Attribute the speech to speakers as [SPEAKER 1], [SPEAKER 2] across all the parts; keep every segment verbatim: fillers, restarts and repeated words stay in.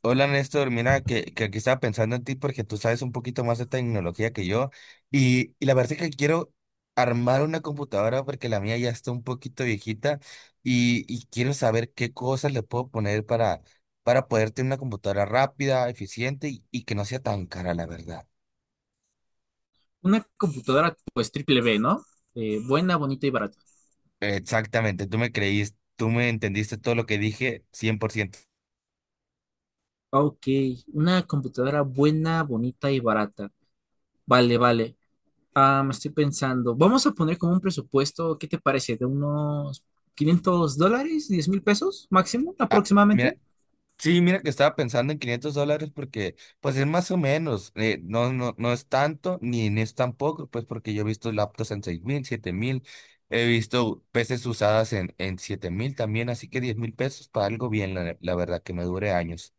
[SPEAKER 1] Hola Néstor, mira que, que aquí estaba pensando en ti porque tú sabes un poquito más de tecnología que yo y, y la verdad es que quiero armar una computadora porque la mía ya está un poquito viejita y, y quiero saber qué cosas le puedo poner para, para poder tener una computadora rápida, eficiente y, y que no sea tan cara, la verdad.
[SPEAKER 2] Una computadora pues triple B, ¿no? Eh, buena, bonita y barata.
[SPEAKER 1] Exactamente, tú me creíste, tú me entendiste todo lo que dije cien por ciento.
[SPEAKER 2] Ah, Ok, una computadora buena, bonita y barata. Vale, vale. Ah, me estoy pensando, vamos a poner como un presupuesto, ¿qué te parece? ¿De unos quinientos dólares, diez mil pesos máximo
[SPEAKER 1] Ah, mira,
[SPEAKER 2] aproximadamente?
[SPEAKER 1] sí, mira que estaba pensando en quinientos dólares porque pues es más o menos, eh, no, no, no es tanto ni, ni es tampoco, pues porque yo he visto laptops en seis mil, siete mil, he visto peces usadas en, en siete mil también, así que diez mil pesos para algo bien, la, la verdad que me dure años.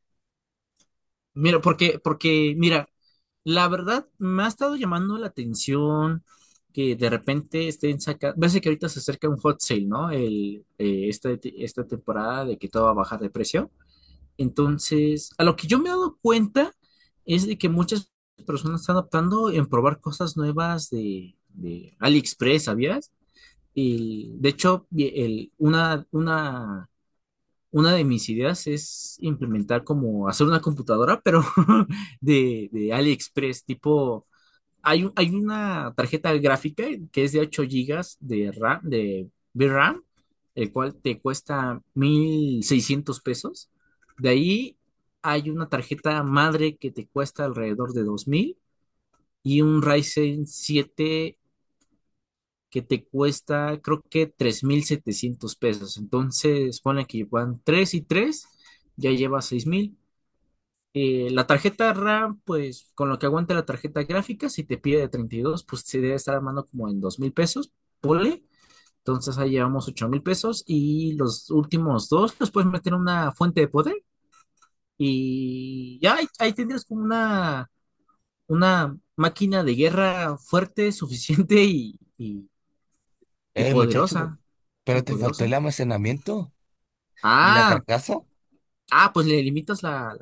[SPEAKER 2] Mira, porque, porque, mira, la verdad me ha estado llamando la atención que de repente estén sacando, ves que ahorita se acerca un hot sale, ¿no? El, eh, esta, esta temporada de que todo va a bajar de precio. Entonces, a lo que yo me he dado cuenta es de que muchas personas están optando en probar cosas nuevas de, de AliExpress, ¿sabías? Y de hecho, y el- una, una, una de mis ideas es implementar como hacer una computadora, pero de, de AliExpress, tipo hay, un- hay una tarjeta gráfica que es de ocho gigas de RAM, de V R A M, el cual te cuesta mil seiscientos pesos. De ahí hay una tarjeta madre que te cuesta alrededor de dos mil y un Ryzen siete que te cuesta creo que tres mil setecientos pesos. Entonces, ponle que van tres y tres, ya lleva seis mil. Eh, la tarjeta RAM, pues con lo que aguante la tarjeta gráfica, si te pide de treinta y dos, pues se debe estar armando como en dos mil pesos, ponle. Entonces ahí llevamos ocho mil pesos y los últimos dos los puedes meter en una fuente de poder y ya ahí, ahí tendrías como una, una máquina de guerra fuerte, suficiente y, y- y
[SPEAKER 1] Eh, muchacho, pe-
[SPEAKER 2] poderosa.
[SPEAKER 1] pero
[SPEAKER 2] Y
[SPEAKER 1] te faltó el
[SPEAKER 2] poderosa.
[SPEAKER 1] almacenamiento y la
[SPEAKER 2] Ah,
[SPEAKER 1] carcasa.
[SPEAKER 2] ah, pues le limitas la.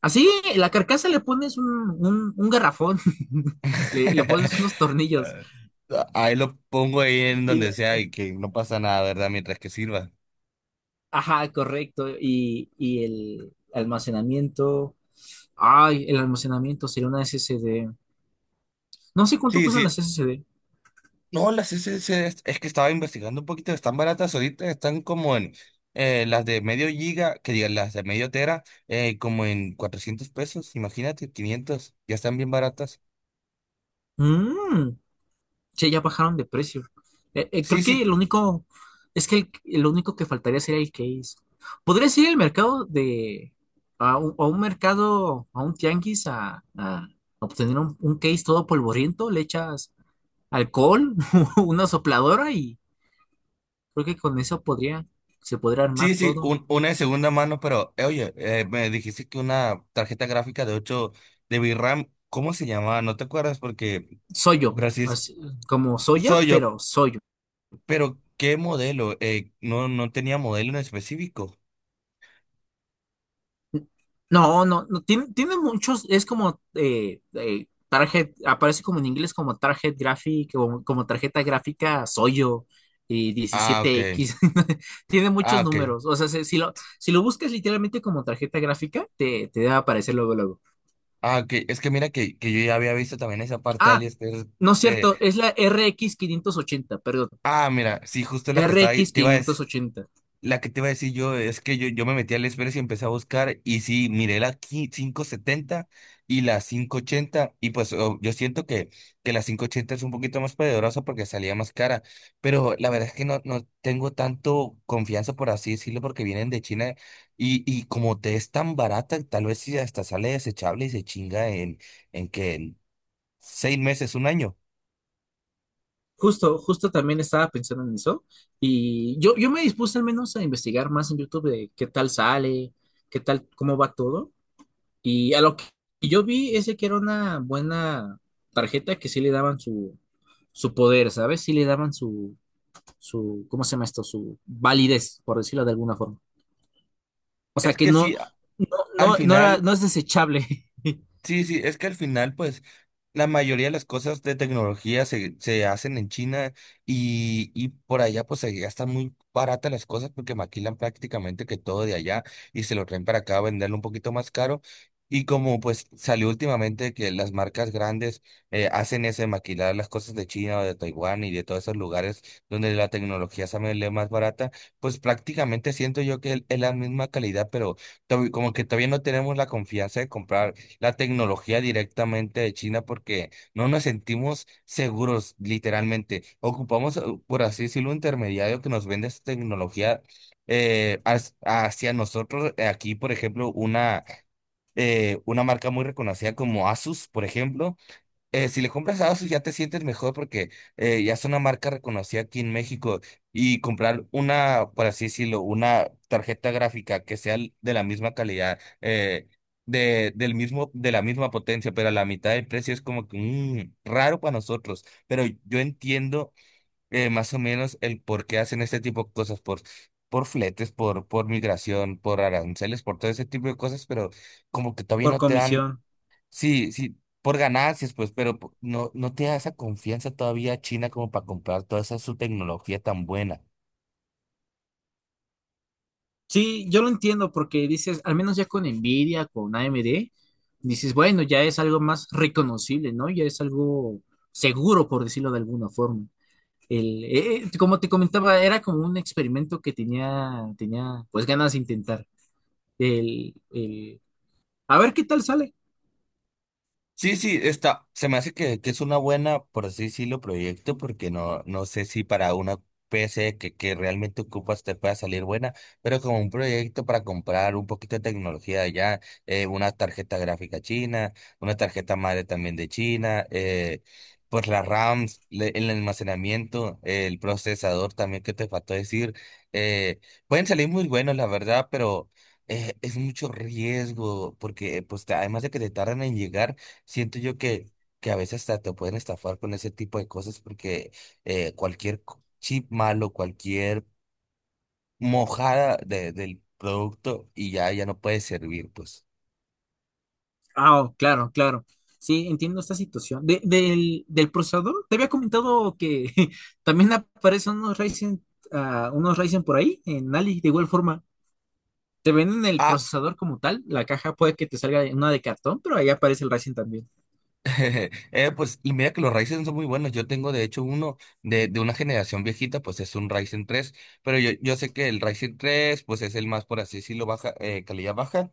[SPEAKER 2] Así, la carcasa le pones un, un, un garrafón, le, le pones unos tornillos.
[SPEAKER 1] Ah, ahí lo pongo ahí
[SPEAKER 2] Y,
[SPEAKER 1] en
[SPEAKER 2] y
[SPEAKER 1] donde
[SPEAKER 2] la-
[SPEAKER 1] sea y que no pasa nada, ¿verdad? Mientras que sirva.
[SPEAKER 2] ajá, correcto. Y, y el almacenamiento. Ay, el almacenamiento sería una S S D. No sé cuánto
[SPEAKER 1] Sí,
[SPEAKER 2] cuestan las
[SPEAKER 1] sí,
[SPEAKER 2] S S D.
[SPEAKER 1] No, las S S Ds, es es que estaba investigando un poquito, están baratas ahorita, están como en eh, las de medio giga, que digan las de medio tera, eh, como en cuatrocientos pesos, imagínate, quinientos ya están bien baratas.
[SPEAKER 2] Mm, sí, ya bajaron de precio. Eh, eh, creo
[SPEAKER 1] Sí,
[SPEAKER 2] que
[SPEAKER 1] sí,
[SPEAKER 2] el único, es que el, el único que faltaría sería el case. Podría ir al mercado de, a un, a un mercado, a un tianguis, a, a obtener un, un case todo polvoriento, le echas alcohol, una sopladora y creo que con eso podría, se podría armar
[SPEAKER 1] sí, sí,
[SPEAKER 2] todo.
[SPEAKER 1] un- una de segunda mano, pero eh, oye, eh, me dijiste que una tarjeta gráfica de ocho de V RAM, ¿cómo se llamaba? No te acuerdas porque,
[SPEAKER 2] Soyo,
[SPEAKER 1] pero así es,
[SPEAKER 2] así, como soya,
[SPEAKER 1] soy yo,
[SPEAKER 2] pero soyo.
[SPEAKER 1] pero ¿qué modelo? Eh, no, no tenía modelo en específico.
[SPEAKER 2] No, no, no, tiene, tiene muchos, es como eh, eh, target, aparece como en inglés como target graphic, como, como, tarjeta gráfica Soyo y
[SPEAKER 1] Ah, ok,
[SPEAKER 2] diecisiete equis tiene
[SPEAKER 1] ah,
[SPEAKER 2] muchos
[SPEAKER 1] ok.
[SPEAKER 2] números, o sea, si, si lo, si lo buscas literalmente como tarjeta gráfica, te, te va aparecer luego, luego.
[SPEAKER 1] Ah, que es que mira que, que yo ya había visto también esa parte de
[SPEAKER 2] Ah,
[SPEAKER 1] AliExpress
[SPEAKER 2] no es
[SPEAKER 1] de...
[SPEAKER 2] cierto, es la R X ochenta. Perdón,
[SPEAKER 1] Ah, mira, sí, justo la que estaba ahí,
[SPEAKER 2] rx
[SPEAKER 1] te iba a decir,
[SPEAKER 2] ochenta.
[SPEAKER 1] la que te iba a decir yo es que yo, yo me metí a AliExpress y empecé a buscar y sí, miré la qui- quinientos setenta y la quinientos ochenta y pues oh, yo siento que, que la quinientos ochenta es un poquito más poderosa porque salía más cara, pero la verdad es que no, no tengo tanto confianza por así decirlo porque vienen de China y, y como te es tan barata, tal vez si hasta sale desechable y se chinga en, en que... Seis meses, un año.
[SPEAKER 2] Justo, justo, también estaba pensando en eso y yo, yo me dispuse al menos a investigar más en YouTube de qué tal sale, qué tal, cómo va todo, y a lo que yo vi, ese que era una buena tarjeta que sí le daban su, su, poder, ¿sabes? Sí le daban su, su, ¿cómo se llama esto? Su validez, por decirlo de alguna forma. O
[SPEAKER 1] Es
[SPEAKER 2] sea que
[SPEAKER 1] que
[SPEAKER 2] no,
[SPEAKER 1] si a-
[SPEAKER 2] no,
[SPEAKER 1] al
[SPEAKER 2] no, no, era-
[SPEAKER 1] final
[SPEAKER 2] no es desechable.
[SPEAKER 1] sí, sí, es que al final, pues, la mayoría de las cosas de tecnología se, se hacen en China y, y por allá, pues, se gastan muy baratas las cosas porque maquilan prácticamente que todo de allá y se lo traen para acá a venderlo un poquito más caro. Y como, pues, salió últimamente que las marcas grandes eh, hacen eso de maquilar las cosas de China o de Taiwán y de todos esos lugares donde la tecnología sale más barata, pues, prácticamente siento yo que es la misma calidad, pero to- como que todavía no tenemos la confianza de comprar la tecnología directamente de China porque no nos sentimos seguros, literalmente. Ocupamos, eh, por así decirlo, un intermediario que nos vende esta tecnología eh, has- hacia nosotros. Eh, Aquí, por ejemplo, una, eh, una marca muy reconocida como Asus, por ejemplo, eh, si le compras a ASUS ya te sientes mejor porque eh, ya es una marca reconocida aquí en México y comprar una, por así decirlo, una tarjeta gráfica que sea l- de la misma calidad, eh, de, del mismo, de la misma potencia, pero a la mitad del precio es como que mm, raro para nosotros. Pero yo entiendo eh, más o menos el por qué hacen este tipo de cosas, por, por fletes, por, por migración, por aranceles, por todo ese tipo de cosas, pero como que todavía
[SPEAKER 2] Por
[SPEAKER 1] no te dan
[SPEAKER 2] comisión.
[SPEAKER 1] sí, sí, por ganancias, pues, pero po- no, no te da esa confianza todavía China como para comprar toda esa su tecnología tan buena.
[SPEAKER 2] Sí, yo lo entiendo porque dices, al menos ya con Nvidia, con A M D, dices, bueno, ya es algo más reconocible, ¿no? Ya es algo seguro, por decirlo de alguna forma. El, eh, eh, como te comentaba, era como un experimento que tenía, tenía pues ganas de intentar. El, el, a ver qué tal sale.
[SPEAKER 1] Sí, sí, está. Se me hace que, que es una buena, por así decirlo, proyecto, porque no, no sé si para una P C que, que realmente ocupas te pueda salir buena, pero como un proyecto para comprar un poquito de tecnología de allá, eh, una tarjeta gráfica china, una tarjeta madre también de China, eh, pues las RAMs, le- el almacenamiento, eh, el procesador también que te faltó decir, eh, pueden salir muy buenos, la verdad, pero eh, es mucho riesgo, porque pues te- además de que te tardan en llegar, siento yo que, que a veces hasta te pueden estafar con ese tipo de cosas porque eh, cualquier co- chip malo, cualquier mojada de- del producto y ya, ya no puede servir, pues.
[SPEAKER 2] Ah, oh, claro, claro. Sí, entiendo esta situación. De- del, del procesador, te había comentado que también aparecen unos Ryzen, ah, unos Ryzen por ahí, en Ali, de igual forma. Te venden el
[SPEAKER 1] Ah,
[SPEAKER 2] procesador como tal, la caja puede que te salga una de cartón, pero ahí aparece el Ryzen también.
[SPEAKER 1] eh, pues, y mira que los Ryzen son muy buenos. Yo tengo, de hecho, uno de, de una generación viejita, pues es un Ryzen tres, pero yo, yo sé que el Ryzen tres pues es el más, por así decirlo, baja, eh, calidad baja.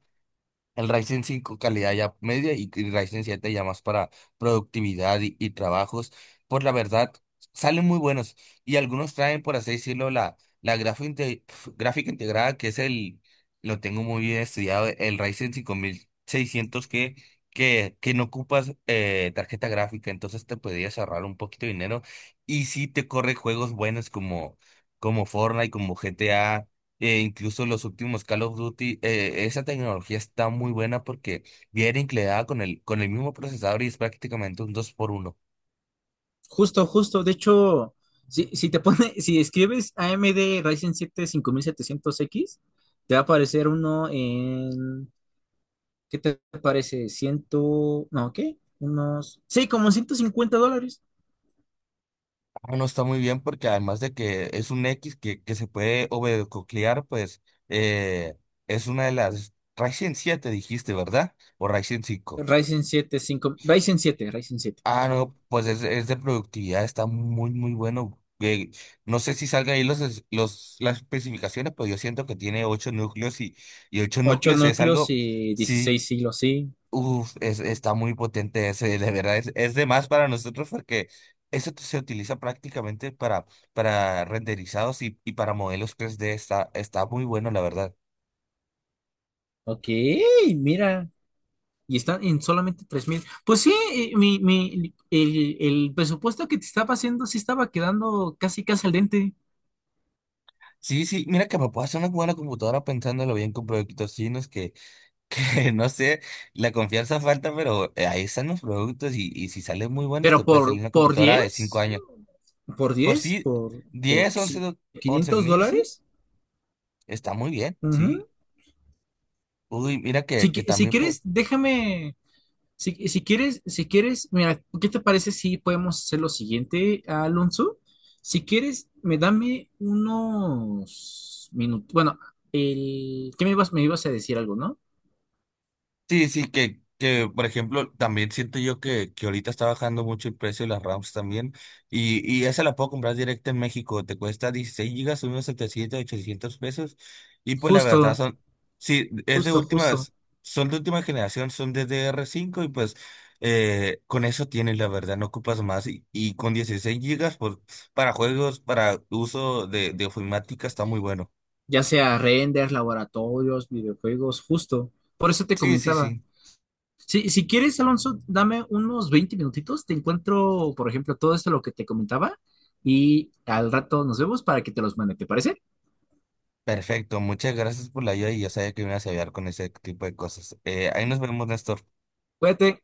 [SPEAKER 1] El Ryzen cinco calidad ya media y el Ryzen siete ya más para productividad y, y trabajos. Por la verdad, salen muy buenos. Y algunos traen, por así decirlo, la, la grafo inte- pf, gráfica integrada, que es el, lo tengo muy bien estudiado, el Ryzen cinco mil seiscientos que, que, que no ocupas eh, tarjeta gráfica. Entonces te podrías ahorrar un poquito de dinero. Y sí te corre juegos buenos como, como Fortnite, como G T A. Eh, incluso los últimos Call of Duty, eh, esa tecnología está muy buena porque viene incluida con el, con el mismo procesador y es prácticamente un dos por uno.
[SPEAKER 2] Justo, justo, de hecho, si, si te pone, si escribes A M D Ryzen siete cinco mil setecientos X, te va a aparecer uno en, ¿qué te parece? Ciento, no, ¿qué? Unos, sí, como ciento cincuenta dólares.
[SPEAKER 1] Ah, no está muy bien porque además de que es un X que, que se puede overclockear, pues eh, es una de las Ryzen siete dijiste, ¿verdad? O Ryzen cinco.
[SPEAKER 2] Ryzen siete, cinco, Ryzen siete, Ryzen siete.
[SPEAKER 1] Ah, no, pues es, es de productividad, está muy, muy bueno. Eh, no sé si salga ahí los, es- los, las especificaciones, pero yo siento que tiene ocho núcleos y, y ocho
[SPEAKER 2] Ocho
[SPEAKER 1] núcleos es
[SPEAKER 2] núcleos
[SPEAKER 1] algo...
[SPEAKER 2] y
[SPEAKER 1] Sí,
[SPEAKER 2] dieciséis hilos, sí.
[SPEAKER 1] uf, es, está muy potente ese, de verdad, es, es de más para nosotros porque eso se utiliza prácticamente para, para renderizados y, y para modelos tres d está, está muy bueno, la verdad.
[SPEAKER 2] Ok, mira, y están en solamente tres mil. Pues sí, eh, mi, mi- el, el presupuesto que te estaba haciendo sí estaba quedando casi casi al dente.
[SPEAKER 1] Sí, sí, mira que me puedo hacer una buena computadora pensándolo bien con productos chinos que, no sé, la confianza falta, pero eh, ahí están los productos y, y si salen muy buenos
[SPEAKER 2] Pero
[SPEAKER 1] te puede salir
[SPEAKER 2] por,
[SPEAKER 1] una
[SPEAKER 2] por
[SPEAKER 1] computadora de
[SPEAKER 2] diez
[SPEAKER 1] cinco años.
[SPEAKER 2] por
[SPEAKER 1] Por
[SPEAKER 2] diez
[SPEAKER 1] sí,
[SPEAKER 2] por, por
[SPEAKER 1] diez once
[SPEAKER 2] si-
[SPEAKER 1] do- 11
[SPEAKER 2] quinientos
[SPEAKER 1] mil, sí,
[SPEAKER 2] dólares.
[SPEAKER 1] está muy bien, sí.
[SPEAKER 2] Ujú.
[SPEAKER 1] Uy, mira que,
[SPEAKER 2] Si,
[SPEAKER 1] que
[SPEAKER 2] qui- si
[SPEAKER 1] también... po-
[SPEAKER 2] quieres, déjame. Si, si quieres, si quieres, mira, ¿qué te parece si podemos hacer lo siguiente, Alonso? Si quieres, me dame unos minutos. Bueno, el, ¿qué me ibas, me ibas a decir algo, no?
[SPEAKER 1] Sí, sí, que, que por ejemplo, también siento yo que, que ahorita está bajando mucho el precio de las RAMs también. Y, y esa la puedo comprar directa en México. Te cuesta dieciséis gigas, unos setecientos ochocientos pesos. Y pues la verdad
[SPEAKER 2] Justo.
[SPEAKER 1] son, sí, es de
[SPEAKER 2] Justo, justo.
[SPEAKER 1] últimas, son de última generación, son de D R cinco y pues eh, con eso tienes, la verdad, no ocupas más. Y, y con dieciséis gigas, pues para juegos, para uso de, de ofimática está muy bueno.
[SPEAKER 2] Ya sea renders, laboratorios, videojuegos, justo. Por eso te
[SPEAKER 1] Sí, sí,
[SPEAKER 2] comentaba.
[SPEAKER 1] sí.
[SPEAKER 2] Si, si quieres, Alonso, dame unos veinte minutitos. Te encuentro, por ejemplo, todo esto lo que te comentaba y al rato nos vemos para que te los mande. ¿Te parece?
[SPEAKER 1] Perfecto, muchas gracias por la ayuda y ya sabía que me ibas a ayudar con ese tipo de cosas. Eh, ahí nos vemos, Néstor.
[SPEAKER 2] Cuídate.